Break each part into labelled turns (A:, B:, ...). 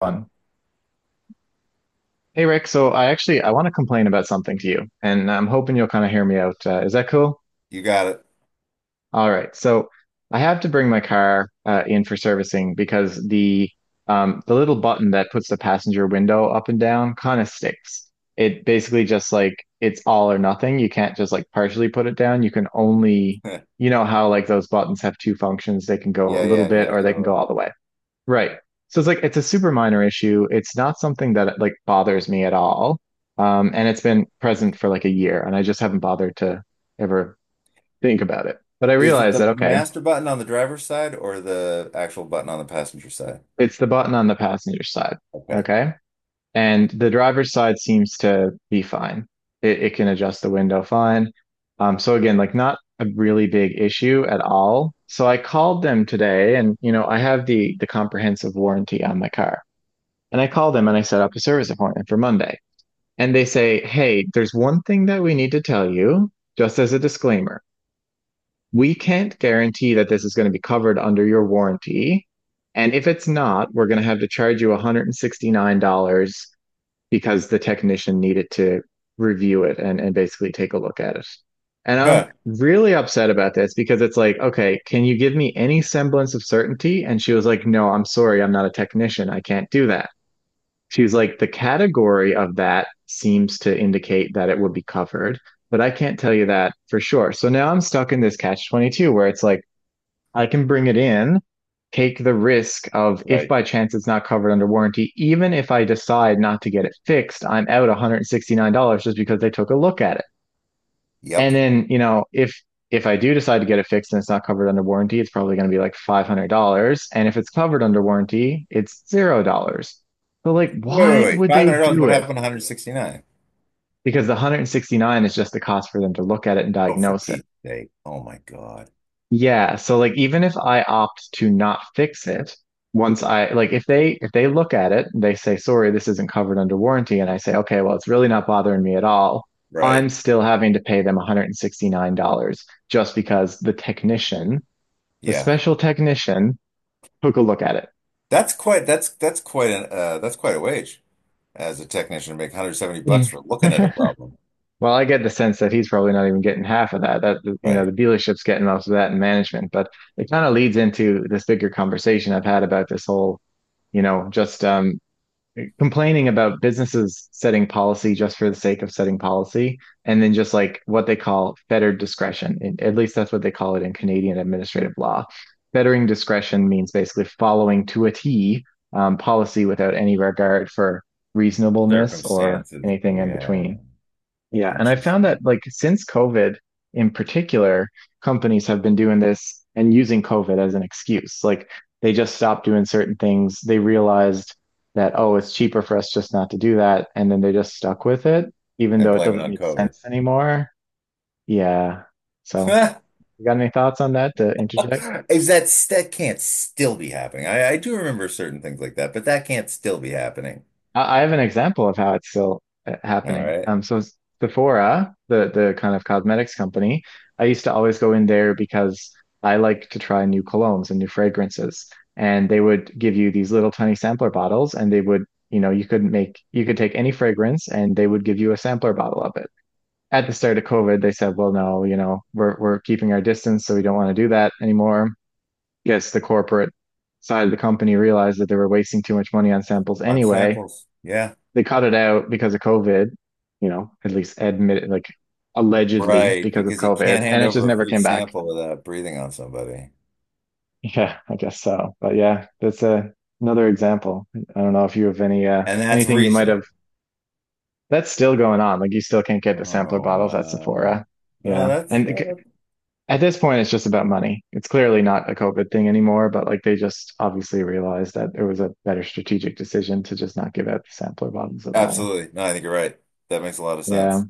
A: Fun. Hey Rick, so I want to complain about something to you, and I'm hoping you'll kind of hear me out. Is that cool?
B: You got
A: All right. So I have to bring my car in for servicing because the little button that puts the passenger window up and down kind of sticks. It basically just like it's all or nothing. You can't just like partially put it down. You can only,
B: it.
A: you know how like those buttons have two functions. They can go a
B: Yeah,
A: little
B: yeah,
A: bit
B: yeah,
A: or they can go
B: totally.
A: all the way. Right. So it's like it's a super minor issue. It's not something that like bothers me at all. And it's been present for like a year, and I just haven't bothered to ever think about it. But I
B: Is it
A: realized
B: the
A: that okay,
B: master button on the driver's side or the actual button on the passenger side?
A: it's the button on the passenger side.
B: Okay.
A: Okay. And the driver's side seems to be fine. It can adjust the window fine. So again, like not a really big issue at all. So I called them today and you know, I have the comprehensive warranty on my car. And I called them and I set up a service appointment for Monday. And they say, hey, there's one thing that we need to tell you, just as a disclaimer. We can't guarantee that this is going to be covered under your warranty. And if it's not, we're going to have to charge you $169 because the technician needed to review it and basically take a look at it. And I'm
B: Huh.
A: really upset about this because it's like, okay, can you give me any semblance of certainty? And she was like, no, I'm sorry, I'm not a technician. I can't do that. She was like, the category of that seems to indicate that it would be covered, but I can't tell you that for sure. So now I'm stuck in this catch 22 where it's like, I can bring it in, take the risk of if
B: Right.
A: by chance it's not covered under warranty, even if I decide not to get it fixed, I'm out $169 just because they took a look at it.
B: Yep.
A: And then, you know, if I do decide to get it fixed and it's not covered under warranty, it's probably going to be like $500. And if it's covered under warranty, it's $0. So like,
B: Wait, wait,
A: why
B: wait.
A: would they
B: $500?
A: do
B: What
A: it?
B: happened to 169?
A: Because the 169 is just the cost for them to look at it and
B: Oh, for
A: diagnose it.
B: Pete's sake. Oh my God.
A: Yeah, so like even if I opt to not fix it, once I like if they look at it, they say, "Sorry, this isn't covered under warranty," and I say, "Okay, well, it's really not bothering me at all." I'm
B: Right.
A: still having to pay them $169 just because the technician, the
B: Yeah.
A: special technician, took a look at it.
B: That's quite an that's quite a wage as a technician to make 170
A: Yeah.
B: bucks for looking at a problem.
A: Well, I get the sense that he's probably not even getting half of that. That you know, the
B: Right.
A: dealership's getting most of that in management, but it kind of leads into this bigger conversation I've had about this whole you know, just complaining about businesses setting policy just for the sake of setting policy and then just like what they call fettered discretion, and at least that's what they call it in Canadian administrative law. Fettering discretion means basically following to a T. Policy without any regard for reasonableness or
B: Circumstances.
A: anything in
B: Yeah.
A: between. Yeah, and I found that
B: Interesting.
A: like since COVID in particular, companies have been doing this and using COVID as an excuse. Like they just stopped doing certain things. They realized that, oh, it's cheaper for us just not to do that. And then they just stuck with it, even
B: And
A: though it
B: blame it
A: doesn't
B: on
A: make
B: COVID.
A: sense anymore. Yeah. So, you got any thoughts on that to interject?
B: Is that, that can't still be happening? I do remember certain things like that, but that can't still be happening.
A: I have an example of how it's still
B: All
A: happening.
B: right.
A: Sephora, the kind of cosmetics company, I used to always go in there because I like to try new colognes and new fragrances. And they would give you these little tiny sampler bottles, and they would, you know, you could take any fragrance, and they would give you a sampler bottle of it. At the start of COVID, they said, well, no, you know, we're keeping our distance, so we don't want to do that anymore. Yes, the corporate side of the company realized that they were wasting too much money on samples
B: On
A: anyway.
B: samples. Yeah.
A: They cut it out because of COVID, you know, at least admitted, like allegedly
B: Right.
A: because of
B: Because you
A: COVID,
B: can't
A: and
B: hand
A: it just
B: over a
A: never
B: free
A: came back.
B: sample without breathing on somebody.
A: Yeah, I guess so. But yeah, that's a another example. I don't know if you have any
B: And that's
A: anything you might have
B: recent.
A: that's still going on. Like you still can't get the sampler
B: Oh,
A: bottles at
B: wow.
A: Sephora.
B: Oh,
A: Yeah.
B: that's
A: At this point it's just about money. It's clearly not a COVID thing anymore, but like they just obviously realized that it was a better strategic decision to just not give out the sampler bottles at all.
B: absolutely. No, I think you're right. That makes a lot of
A: Yeah.
B: sense.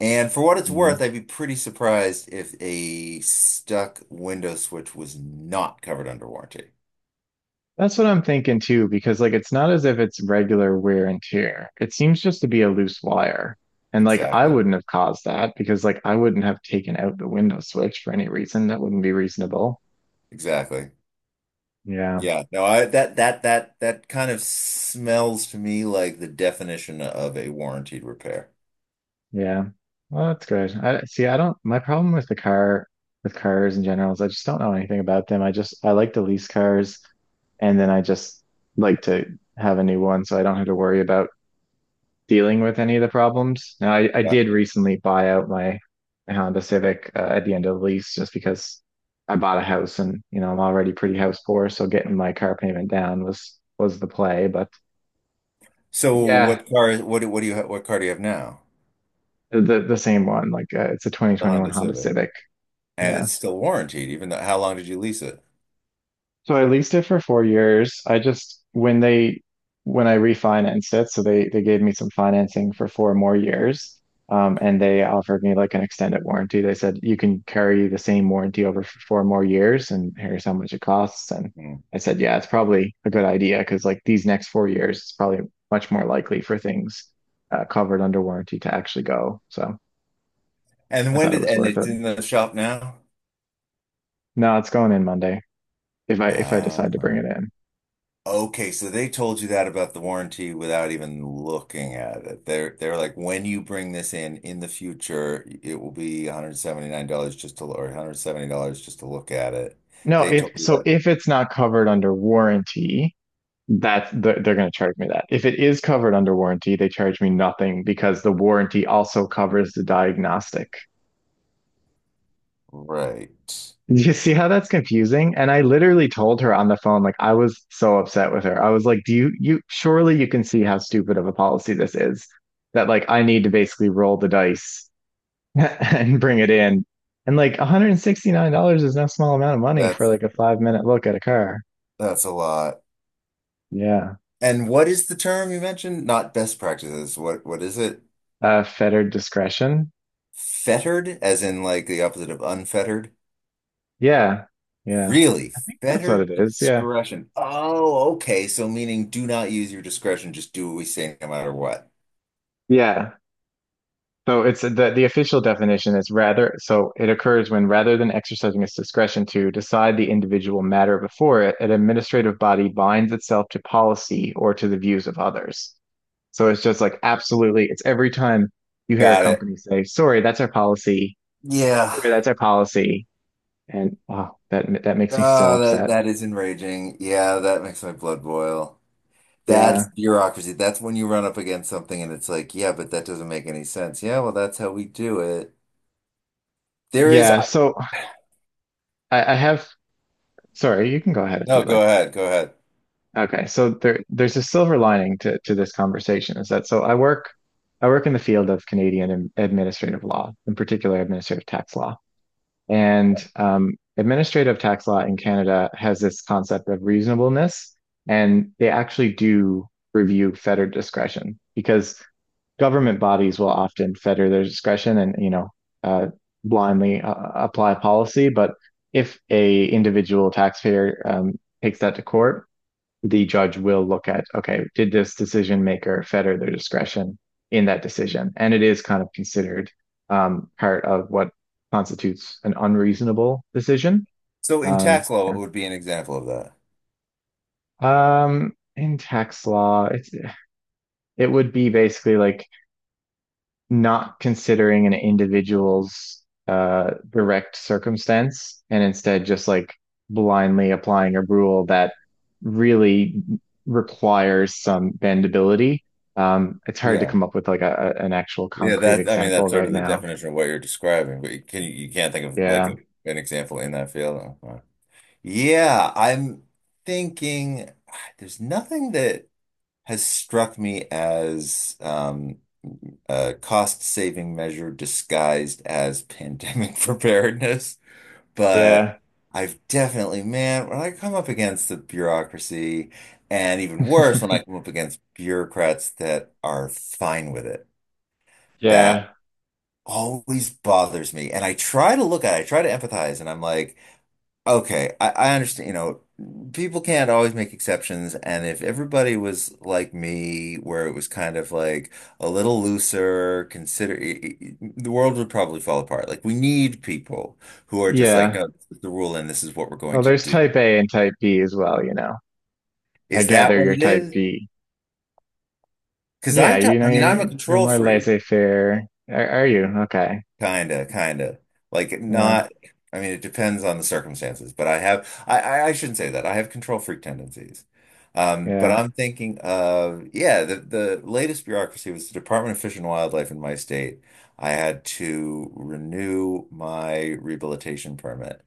B: And for what it's
A: Yeah.
B: worth, I'd be pretty surprised if a stuck window switch was not covered under warranty.
A: That's what I'm thinking too, because like it's not as if it's regular wear and tear. It seems just to be a loose wire. And like I
B: Exactly.
A: wouldn't have caused that because like I wouldn't have taken out the window switch for any reason. That wouldn't be reasonable.
B: Exactly.
A: Yeah.
B: Yeah, no, I that kind of smells to me like the definition of a warranted repair.
A: Yeah. Well, that's good. I see, I don't, my problem with the car, with cars in general is I just don't know anything about them. I just, I like to lease cars and then I just like to have a new one so I don't have to worry about dealing with any of the problems. Now, I
B: But
A: did recently buy out my Honda Civic at the end of the lease just because I bought a house and you know I'm already pretty house poor, so getting my car payment down was the play. But
B: so
A: yeah,
B: what car what car do you have now?
A: the same one. Like it's a
B: The
A: 2021
B: Honda
A: Honda
B: Civic.
A: Civic.
B: And
A: Yeah.
B: it's still warranted, even though how long did you lease it?
A: So I leased it for 4 years. I just when I refinanced it, so they gave me some financing for 4 more years. And they offered me like an extended warranty. They said you can carry the same warranty over for 4 more years, and here's how much it costs. And
B: Hmm.
A: I said, yeah, it's probably a good idea because like these next 4 years, it's probably much more likely for things covered under warranty to actually go. So
B: And
A: I
B: when
A: thought it
B: did,
A: was
B: and
A: worth
B: it's
A: it.
B: in the shop now?
A: No, it's going in Monday if I decide to bring
B: Ah.
A: it in.
B: Okay, so they told you that about the warranty without even looking at it. They're, like, when you bring this in the future, it will be $179 just to, or $170 just to look at it.
A: No,
B: They
A: if
B: told you
A: so,
B: that.
A: if it's not covered under warranty, that's they're going to charge me that. If it is covered under warranty, they charge me nothing because the warranty also covers the diagnostic.
B: Right.
A: Do you see how that's confusing? And I literally told her on the phone, like I was so upset with her. I was like, "Do you surely you can see how stupid of a policy this is that like I need to basically roll the dice and bring it in." And like $169 is no small amount of money for
B: That's
A: like a 5 minute look at a car.
B: that's a lot.
A: Yeah.
B: And what is the term you mentioned? Not best practices. What is it?
A: Fettered discretion.
B: Fettered, as in like the opposite of unfettered?
A: Yeah, yeah,
B: Really?
A: that's what it
B: Fettered
A: is. Yeah,
B: discretion. Oh, okay. So meaning do not use your discretion, just do what we say no matter what.
A: yeah. So it's the official definition is rather. So it occurs when rather than exercising its discretion to decide the individual matter before it, an administrative body binds itself to policy or to the views of others. So it's just like absolutely. It's every time you hear a
B: Got it.
A: company say, "Sorry, that's our policy.
B: Yeah.
A: Sorry, that's our policy," and oh, that that makes me so
B: Oh, that
A: upset.
B: that is enraging. Yeah, that makes my blood boil.
A: Yeah,
B: That's bureaucracy. That's when you run up against something and it's like, yeah, but that doesn't make any sense. Yeah, well, that's how we do it. There is,
A: yeah. So I have. Sorry, you can go ahead if
B: no,
A: you'd
B: go
A: like.
B: ahead, go ahead.
A: Okay, so there's a silver lining to this conversation is that so I work in the field of Canadian administrative law, in particular administrative tax law. And administrative tax law in Canada has this concept of reasonableness, and they actually do review federal discretion because government bodies will often fetter their discretion and you know uh, blindly apply policy. But if a individual taxpayer takes that to court, the judge will look at, okay, did this decision maker fetter their discretion in that decision? And it is kind of considered part of what constitutes an unreasonable decision.
B: So in tax law, it
A: Yeah.
B: would be an example of that.
A: In tax law, it's it would be basically like not considering an individual's direct circumstance and instead just like blindly applying a rule that really requires some bendability. It's hard to
B: Yeah.
A: come up with like an actual
B: Yeah,
A: concrete
B: that, I mean,
A: example
B: that's sort
A: right
B: of the
A: now.
B: definition of what you're describing, but you can, you can't think of like
A: Yeah.
B: an example in that field. Okay. Yeah, I'm thinking there's nothing that has struck me as a cost-saving measure disguised as pandemic preparedness. But
A: Yeah.
B: I've definitely, man, when I come up against the bureaucracy, and even worse, when I come up against bureaucrats that are fine with it, that
A: Yeah.
B: always bothers me. And I try to look at it, I try to empathize, and I'm like, okay, I understand, you know, people can't always make exceptions, and if everybody was like me, where it was kind of like a little looser, consider the world would probably fall apart. Like we need people who are just like,
A: Yeah.
B: no, this is the rule and this is what we're going
A: Well,
B: to
A: there's
B: do.
A: type A and type B as well, you know. I
B: Is that
A: gather
B: what
A: you're
B: it
A: type
B: is?
A: B.
B: Because
A: Yeah,
B: I'm, t
A: you know,
B: I mean, I'm
A: you're
B: a
A: you're
B: control
A: more
B: freak.
A: laissez-faire. Are you? Okay.
B: Kinda, kinda. Like
A: Yeah.
B: not, I mean, it depends on the circumstances, but I have, I shouldn't say that. I have control freak tendencies. But
A: Yeah.
B: I'm thinking of, yeah, the latest bureaucracy was the Department of Fish and Wildlife in my state. I had to renew my rehabilitation permit.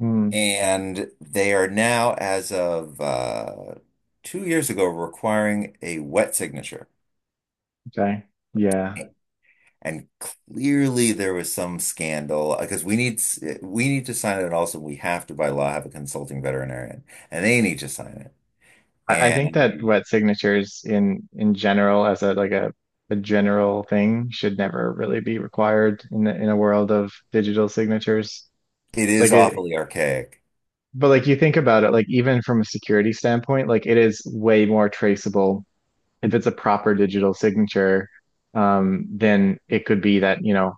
A: Mm,
B: And they are now, as of 2 years ago, requiring a wet signature.
A: okay. Yeah.
B: And clearly there was some scandal because we need to sign it, and also we have to by law have a consulting veterinarian, and they need to sign it.
A: I think that
B: And
A: wet signatures in general as a like a general thing should never really be required in the, in a world of digital signatures.
B: it
A: Like
B: is
A: it,
B: awfully archaic.
A: but like you think about it, like even from a security standpoint, like it is way more traceable if it's a proper digital signature, then it could be that, you know,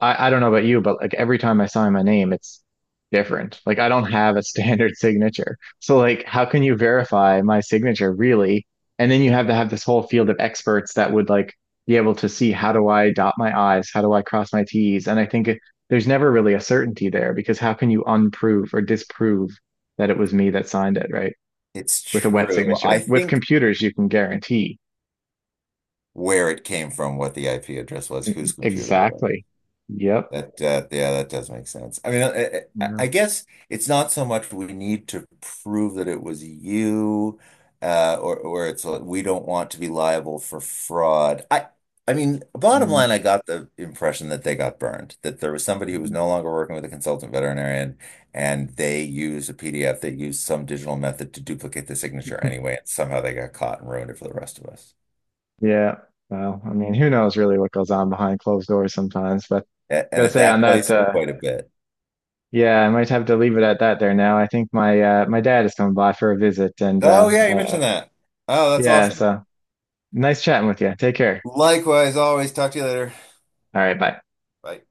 A: I don't know about you, but like every time I sign my name, it's different. Like I don't have a standard signature. So like how can you verify my signature really? And then you have to have this whole field of experts that would like be able to see how do I dot my I's, how do I cross my T's? And I think it, there's never really a certainty there because how can you unprove or disprove that it was me that signed it, right?
B: It's
A: With a wet
B: true. I
A: signature. With
B: think
A: computers, you can guarantee.
B: where it came from, what the IP address was, whose computer it was.
A: Exactly. Yep.
B: That yeah, that does make sense. I mean, I
A: No.
B: guess it's not so much we need to prove that it was you, or it's like we don't want to be liable for fraud. I mean, bottom
A: Mm.
B: line, I got the impression that they got burned, that there was somebody who was
A: Mm.
B: no longer working with a consultant veterinarian, and they used a PDF, they used some digital method to duplicate the signature anyway, and somehow they got caught and ruined it for the rest of us.
A: Yeah. Well, I mean, who knows really what goes on behind closed doors sometimes, but
B: And
A: gotta
B: at
A: say
B: that
A: on that,
B: place, quite a bit.
A: yeah, I might have to leave it at that there now. I think my my dad is coming by for a visit and
B: Oh yeah, you mentioned that. Oh, that's
A: yeah,
B: awesome.
A: so nice chatting with you. Take care.
B: Likewise, always talk to you later.
A: All right, bye.
B: Bye.